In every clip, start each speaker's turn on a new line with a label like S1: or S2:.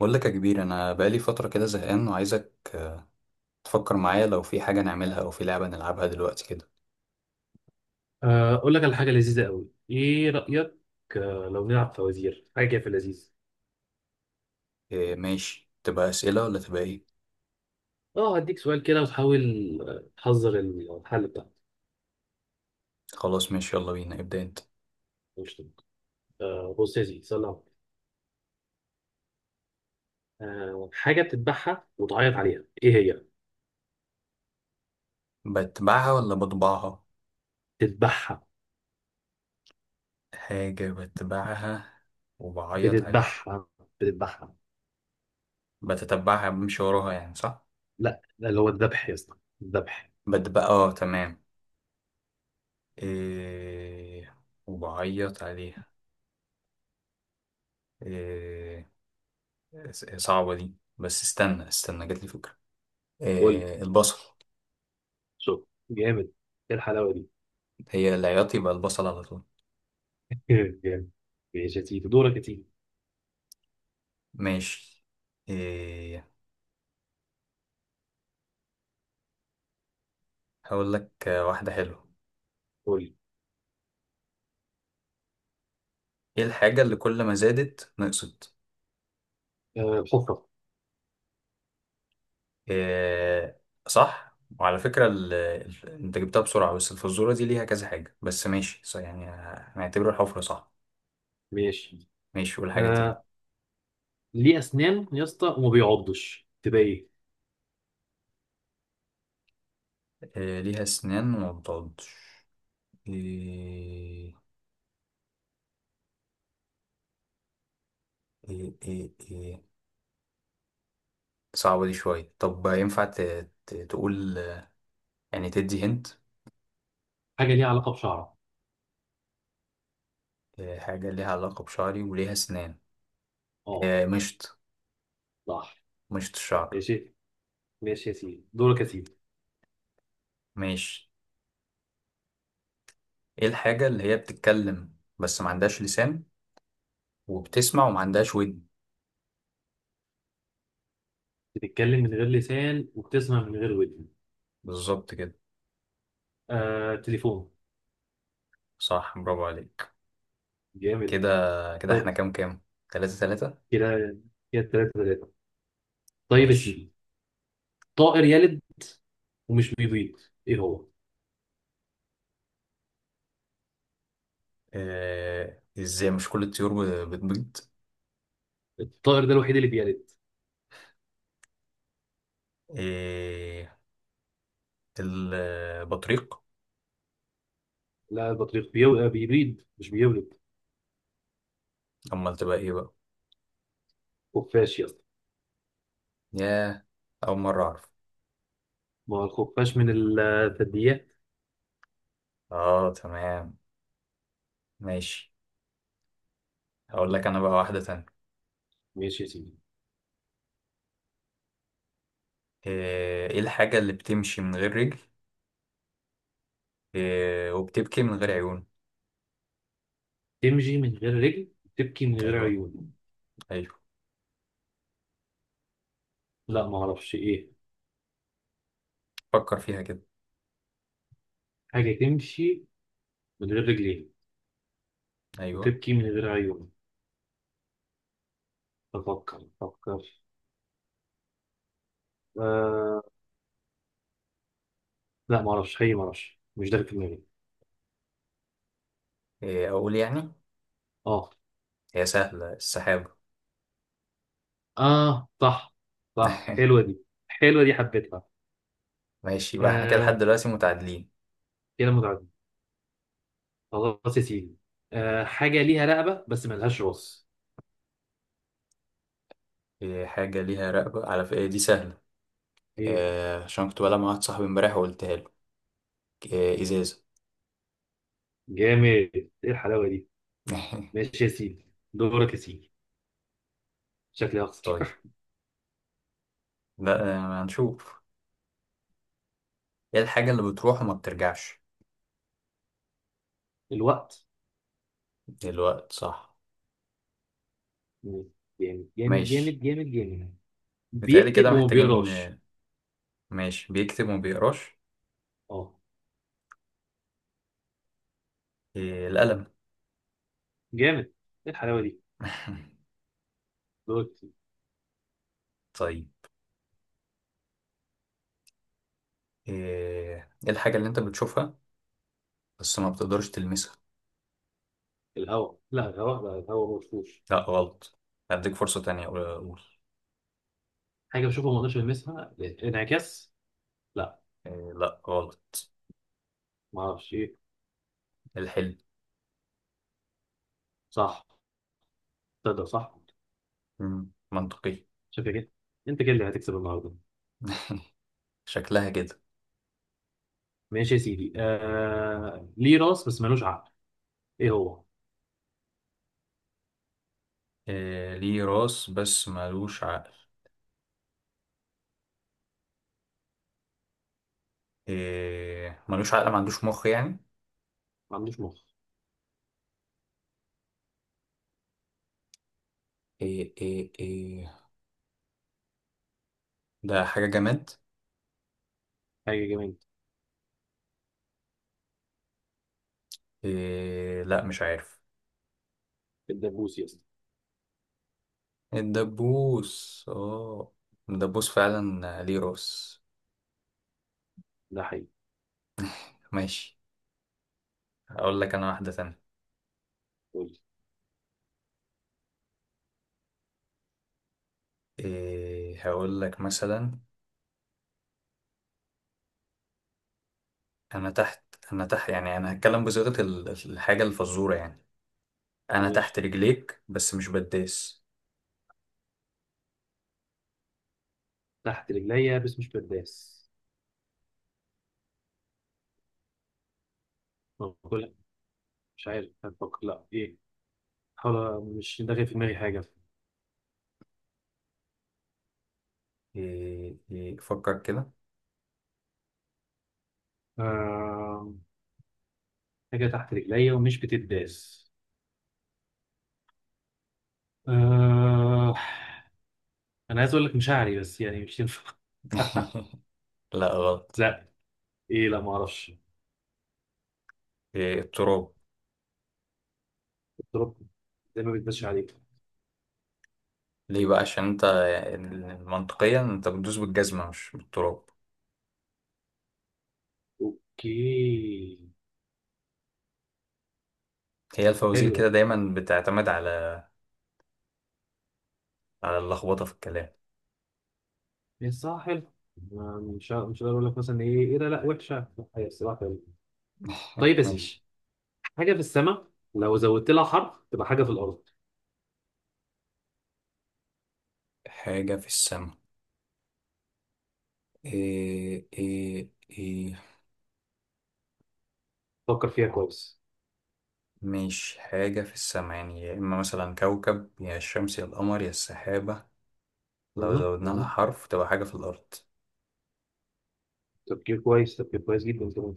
S1: بقول لك يا كبير، انا بقالي فتره كده زهقان وعايزك تفكر معايا لو في حاجه نعملها او في لعبه نلعبها دلوقتي كده.
S2: اقول لك على حاجه لذيذه قوي، ايه رايك؟ لو نلعب فوازير، حاجه كده في اللذيذ.
S1: إيه، ماشي، تبقى اسئله ولا تبقى ايه؟
S2: اه، هديك سؤال كده وتحاول، تحذر الحل بتاعك.
S1: خلاص ماشي، يلا بينا، ابدا انت.
S2: مش طبعا. بص يا سيدي، سلام. حاجه بتذبحها وتعيط عليها، ايه هي؟
S1: بتبعها ولا بطبعها؟
S2: تذبحها.
S1: حاجه بتبعها وبعيط عليها.
S2: بتذبحها. بتذبحها.
S1: بتتبعها، بمشي وراها يعني صح.
S2: لا لا، اللي هو الذبح يا اسطى، الذبح.
S1: بتبقى اه، تمام. إيه، وبعيط عليها. إيه، صعبه دي، بس استنى استنى، جاتلي فكره.
S2: قول لي.
S1: إيه، البصل.
S2: شوف. جامد! ايه الحلاوه دي!
S1: هي العياط يبقى البصل على طول.
S2: جامد. ماشي يا سيدي، دورك يا سيدي.
S1: ماشي. إيه، هقول لك واحدة حلوة.
S2: قول لي.
S1: ايه الحاجة اللي كل ما زادت نقصت؟
S2: حفره.
S1: إيه، صح، وعلى فكرة انت جبتها بسرعة، بس الفزورة دي ليها كذا حاجة، بس ماشي صح يعني. هنعتبره الحفرة صح.
S2: ماشي.
S1: ماشي، قول حاجة تاني.
S2: آه، ليه اسنان يا اسطى وما بيعضش، تبقى ايه؟
S1: إيه، ليها اسنان وما بتعضش؟ إيه إيه إيه. إيه، صعبة دي شوية، طب ينفع تقول. يعني تدي هنت.
S2: حاجه ليها علاقه بشعره.
S1: إيه، حاجة ليها علاقة بشعري وليها اسنان.
S2: اه
S1: إيه، مشط.
S2: صح.
S1: مشط الشعر.
S2: ماشي. ماشي يا سيدي، دورك يا سيدي.
S1: ماشي. ايه الحاجة اللي هي بتتكلم بس ما عندهاش لسان، وبتسمع وما عندهاش ودن؟
S2: بتتكلم من غير لسان وبتسمع من غير ودن.
S1: بالظبط كده.
S2: تليفون.
S1: صح، برافو عليك.
S2: جامد.
S1: كده. كده احنا
S2: طيب.
S1: كام كام؟ تلاتة تلاتة.
S2: كده. كده تلاتة تلاتة. طيب يا سيدي.
S1: ماشي.
S2: طائر يلد ومش بيبيض، ايه هو؟
S1: اه، ازاي؟ مش كل الطيور بتبيض؟
S2: الطائر ده الوحيد اللي بيلد.
S1: ايه، البطريق.
S2: لا، البطريق بيو... آه، بيبيض مش بيولد.
S1: امال تبقى ايه بقى؟
S2: خفاش يا اسطى.
S1: ياه، اول مرة اعرف.
S2: ما هو الخفاش من الثدييات.
S1: اه تمام، ماشي. هقول لك انا بقى واحدة تانية.
S2: ماشي يا سيدي.
S1: ايه إيه الحاجة اللي بتمشي من غير رجل؟ إيه، وبتبكي من غير عيون.
S2: تمشي من غير رجل، تبكي من غير
S1: ايوه.
S2: عيون.
S1: أيوه.
S2: لا ما اعرفش ايه.
S1: فكر فيها كده.
S2: حاجه تمشي من غير رجلين
S1: ايوه.
S2: وتبكي من غير عيون. افكر افكر. آه. لا ما اعرفش حقيقي، ما اعرفش، مش ده اللي في دماغي.
S1: إيه اقول يعني.
S2: اه.
S1: هي سهله، السحابه.
S2: اه صح. صح، حلوه دي، حلوه دي، حبيتها.
S1: ماشي، يبقى احنا كده لحد
S2: آه.
S1: دلوقتي متعادلين.
S2: كده متعدد. خلاص يا سيدي. حاجه ليها رقبه بس ملهاش راس.
S1: إيه، حاجه ليها رقبه، على فكره دي سهله.
S2: ايه!
S1: إيه، عشان كنت بلعب مع واحد صاحبي امبارح وقلتها له. إيه، ازازه.
S2: جامد! ايه الحلاوه دي! ماشي يا سيدي، دورك يا سيدي. شكلي هخسر.
S1: طيب. لا هنشوف. ايه الحاجه اللي بتروح وما بترجعش؟
S2: الوقت.
S1: الوقت، صح.
S2: جامد جامد
S1: ماشي.
S2: جامد جامد جامد.
S1: متهيألي
S2: بيكتب
S1: كده
S2: وما
S1: محتاجين
S2: بيقراش.
S1: آه، ماشي، بيكتب وما بيقراش.
S2: اه.
S1: إيه، القلم.
S2: جامد! ايه الحلاوه دي! دوت.
S1: طيب. إيه إيه الحاجه اللي انت بتشوفها بس ما بتقدرش تلمسها؟
S2: الهواء، لا الهواء، لا الهواء ما بشوفوش.
S1: لا، غلط. هديك فرصة تانية، قول قول.
S2: حاجه بشوفها ما اقدرش المسها. انعكاس. لا.
S1: إيه، لا غلط.
S2: ما اعرفش ايه.
S1: الحلم.
S2: صح. تقدر، صح.
S1: منطقي.
S2: شايف يا كده؟ انت كده اللي هتكسب النهارده.
S1: شكلها كده.
S2: ماشي يا سيدي. ليه راس بس ملوش عقل، ايه هو؟
S1: إيه، ليه راس بس ملوش عقل؟ إيه، ملوش عقل، ما عندوش مخ يعني.
S2: ما عندوش مخ.
S1: إيه إيه إيه. ده حاجة جماد.
S2: حاجه جميله.
S1: إيه لا، مش عارف.
S2: الدبوس يا اسطى.
S1: الدبوس، اه. الدبوس فعلا ليه راس.
S2: ده حقيقي.
S1: ماشي، هقول لك انا واحدة تانية.
S2: قول لي.
S1: إيه، هقول لك مثلا. انا تحت. انا تحت، يعني انا هتكلم بصيغة الحاجة الفزورة يعني. انا تحت
S2: ماشي،
S1: رجليك بس مش بداس.
S2: تحت رجليا بس مش برداس، باكلها. مش عارف هتفكر لا ايه، حاول، مش داخل في دماغي حاجه.
S1: إيه إيه، فكر كده.
S2: آه... حاجة تحت رجليا ومش بتتداس. آه... أنا عايز أقول لك مشاعري بس يعني مش ينفع.
S1: لا، غلط.
S2: لا. إيه، لا ما أعرفش.
S1: إيه، التراب.
S2: التراب، زي ما بيتمشي عليك.
S1: ليه بقى؟ عشان انت منطقيا انت بتدوس بالجزمة مش بالتراب.
S2: أوكي.
S1: هي الفوازير كده
S2: حلو.
S1: دايما بتعتمد على اللخبطة في الكلام.
S2: ده إيه! صح. حلو. مش هقدر أقول لك مثلا إيه إيه ده، لا وحشة، لا، هي الصراحة حلوة. طيب يا سيدي.
S1: ماشي.
S2: حاجة في السماء، لو زودت لها حرف تبقى حاجة في الأرض.
S1: حاجة في السماء. إيه إيه إيه.
S2: فكر فيها كويس.
S1: مش حاجة في السماء يعني، يا إما مثلا كوكب، يا الشمس، يا القمر، يا السحابة. لو
S2: مهم.
S1: زودنا لها
S2: مهم.
S1: حرف تبقى حاجة في الأرض.
S2: تفكير كويس، تفكير كويس جدا كمان.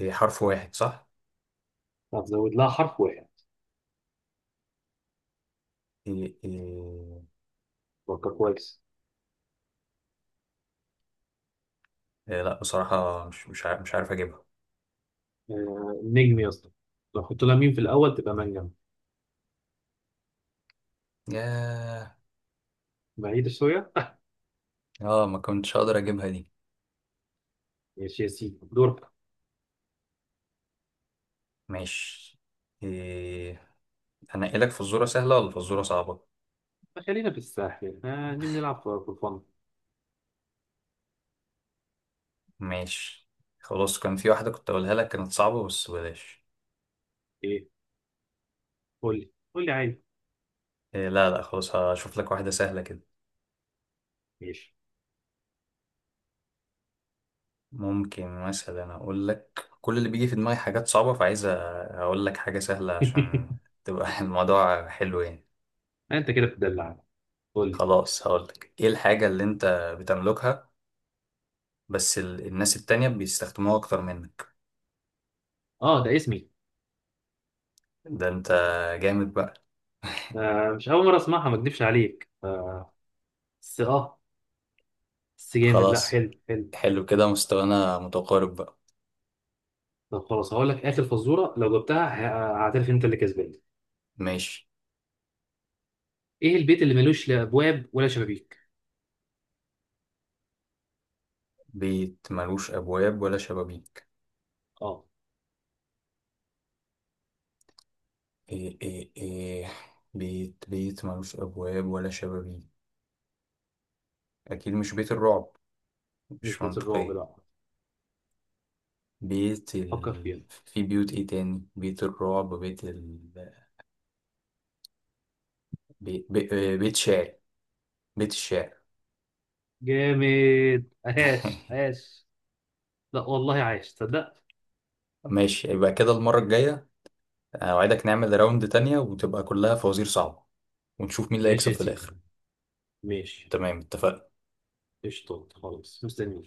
S1: إيه، حرف واحد صح؟
S2: هتزود لها حرف واحد،
S1: إيه إيه
S2: فكر كويس.
S1: إيه. لا بصراحة، مش عارف، مش عارف اجيبها.
S2: نجم يا اسطى، لو حط لها مين في الاول تبقى منجم.
S1: ياه،
S2: بعيدة شوية.
S1: اه، ما كنتش اقدر اجيبها دي.
S2: ماشي يا سيدي، دورك.
S1: ماشي. إيه، هنقلك فزورة سهلة ولا فزورة صعبة؟
S2: خلينا في الساحل، نيجي نلعب في الفن.
S1: ماشي. خلاص، كان في واحدة كنت اقولها لك كانت صعبة بس بلاش.
S2: ايه، قول لي، قول لي عادي.
S1: إيه لا لا، خلاص هشوف لك واحدة سهلة كده.
S2: ماشي.
S1: ممكن مثلا اقول لك كل اللي بيجي في دماغي حاجات صعبة، فعايز اقول لك حاجة سهلة عشان تبقى الموضوع حلو يعني.
S2: انت كده بتدلع. قول لي.
S1: خلاص، هقول لك ايه الحاجة اللي انت بتملكها بس الناس التانية بيستخدموها اكتر منك؟
S2: اه، ده اسمي.
S1: ده انت، جامد بقى.
S2: مش اول مرة اسمعها، ما اكدبش عليك. بس اه. بس جامد. لا،
S1: خلاص.
S2: حلو حلو.
S1: حلو كده، مستوانا متقارب بقى.
S2: طب خلاص، هقول لك اخر فزوره، لو جبتها هعترف انت اللي كسبان.
S1: ماشي.
S2: ايه البيت اللي ملوش لا ابواب ولا شبابيك؟
S1: بيت ملوش ابواب ولا شبابيك.
S2: اه.
S1: ايه ايه ايه. بيت ملوش ابواب ولا شبابيك. اكيد مش بيت الرعب،
S2: مش
S1: مش
S2: بيت الرعب،
S1: منطقية.
S2: لا. فكر فيها.
S1: في بيوت ايه تاني؟ بيت الرعب، بيت ال... بي... بي... بيت شعر. بيت الشعر.
S2: جامد! عاش عاش. لا والله، عايش، تصدق؟
S1: ماشي، يبقى كده المرة الجاية اوعدك نعمل راوند تانية وتبقى كلها فوازير صعبة، ونشوف مين اللي
S2: ماشي
S1: هيكسب
S2: يا
S1: في
S2: سيدي.
S1: الاخر.
S2: ماشي.
S1: تمام، اتفقنا.
S2: قشطة، خلاص، مستنيك.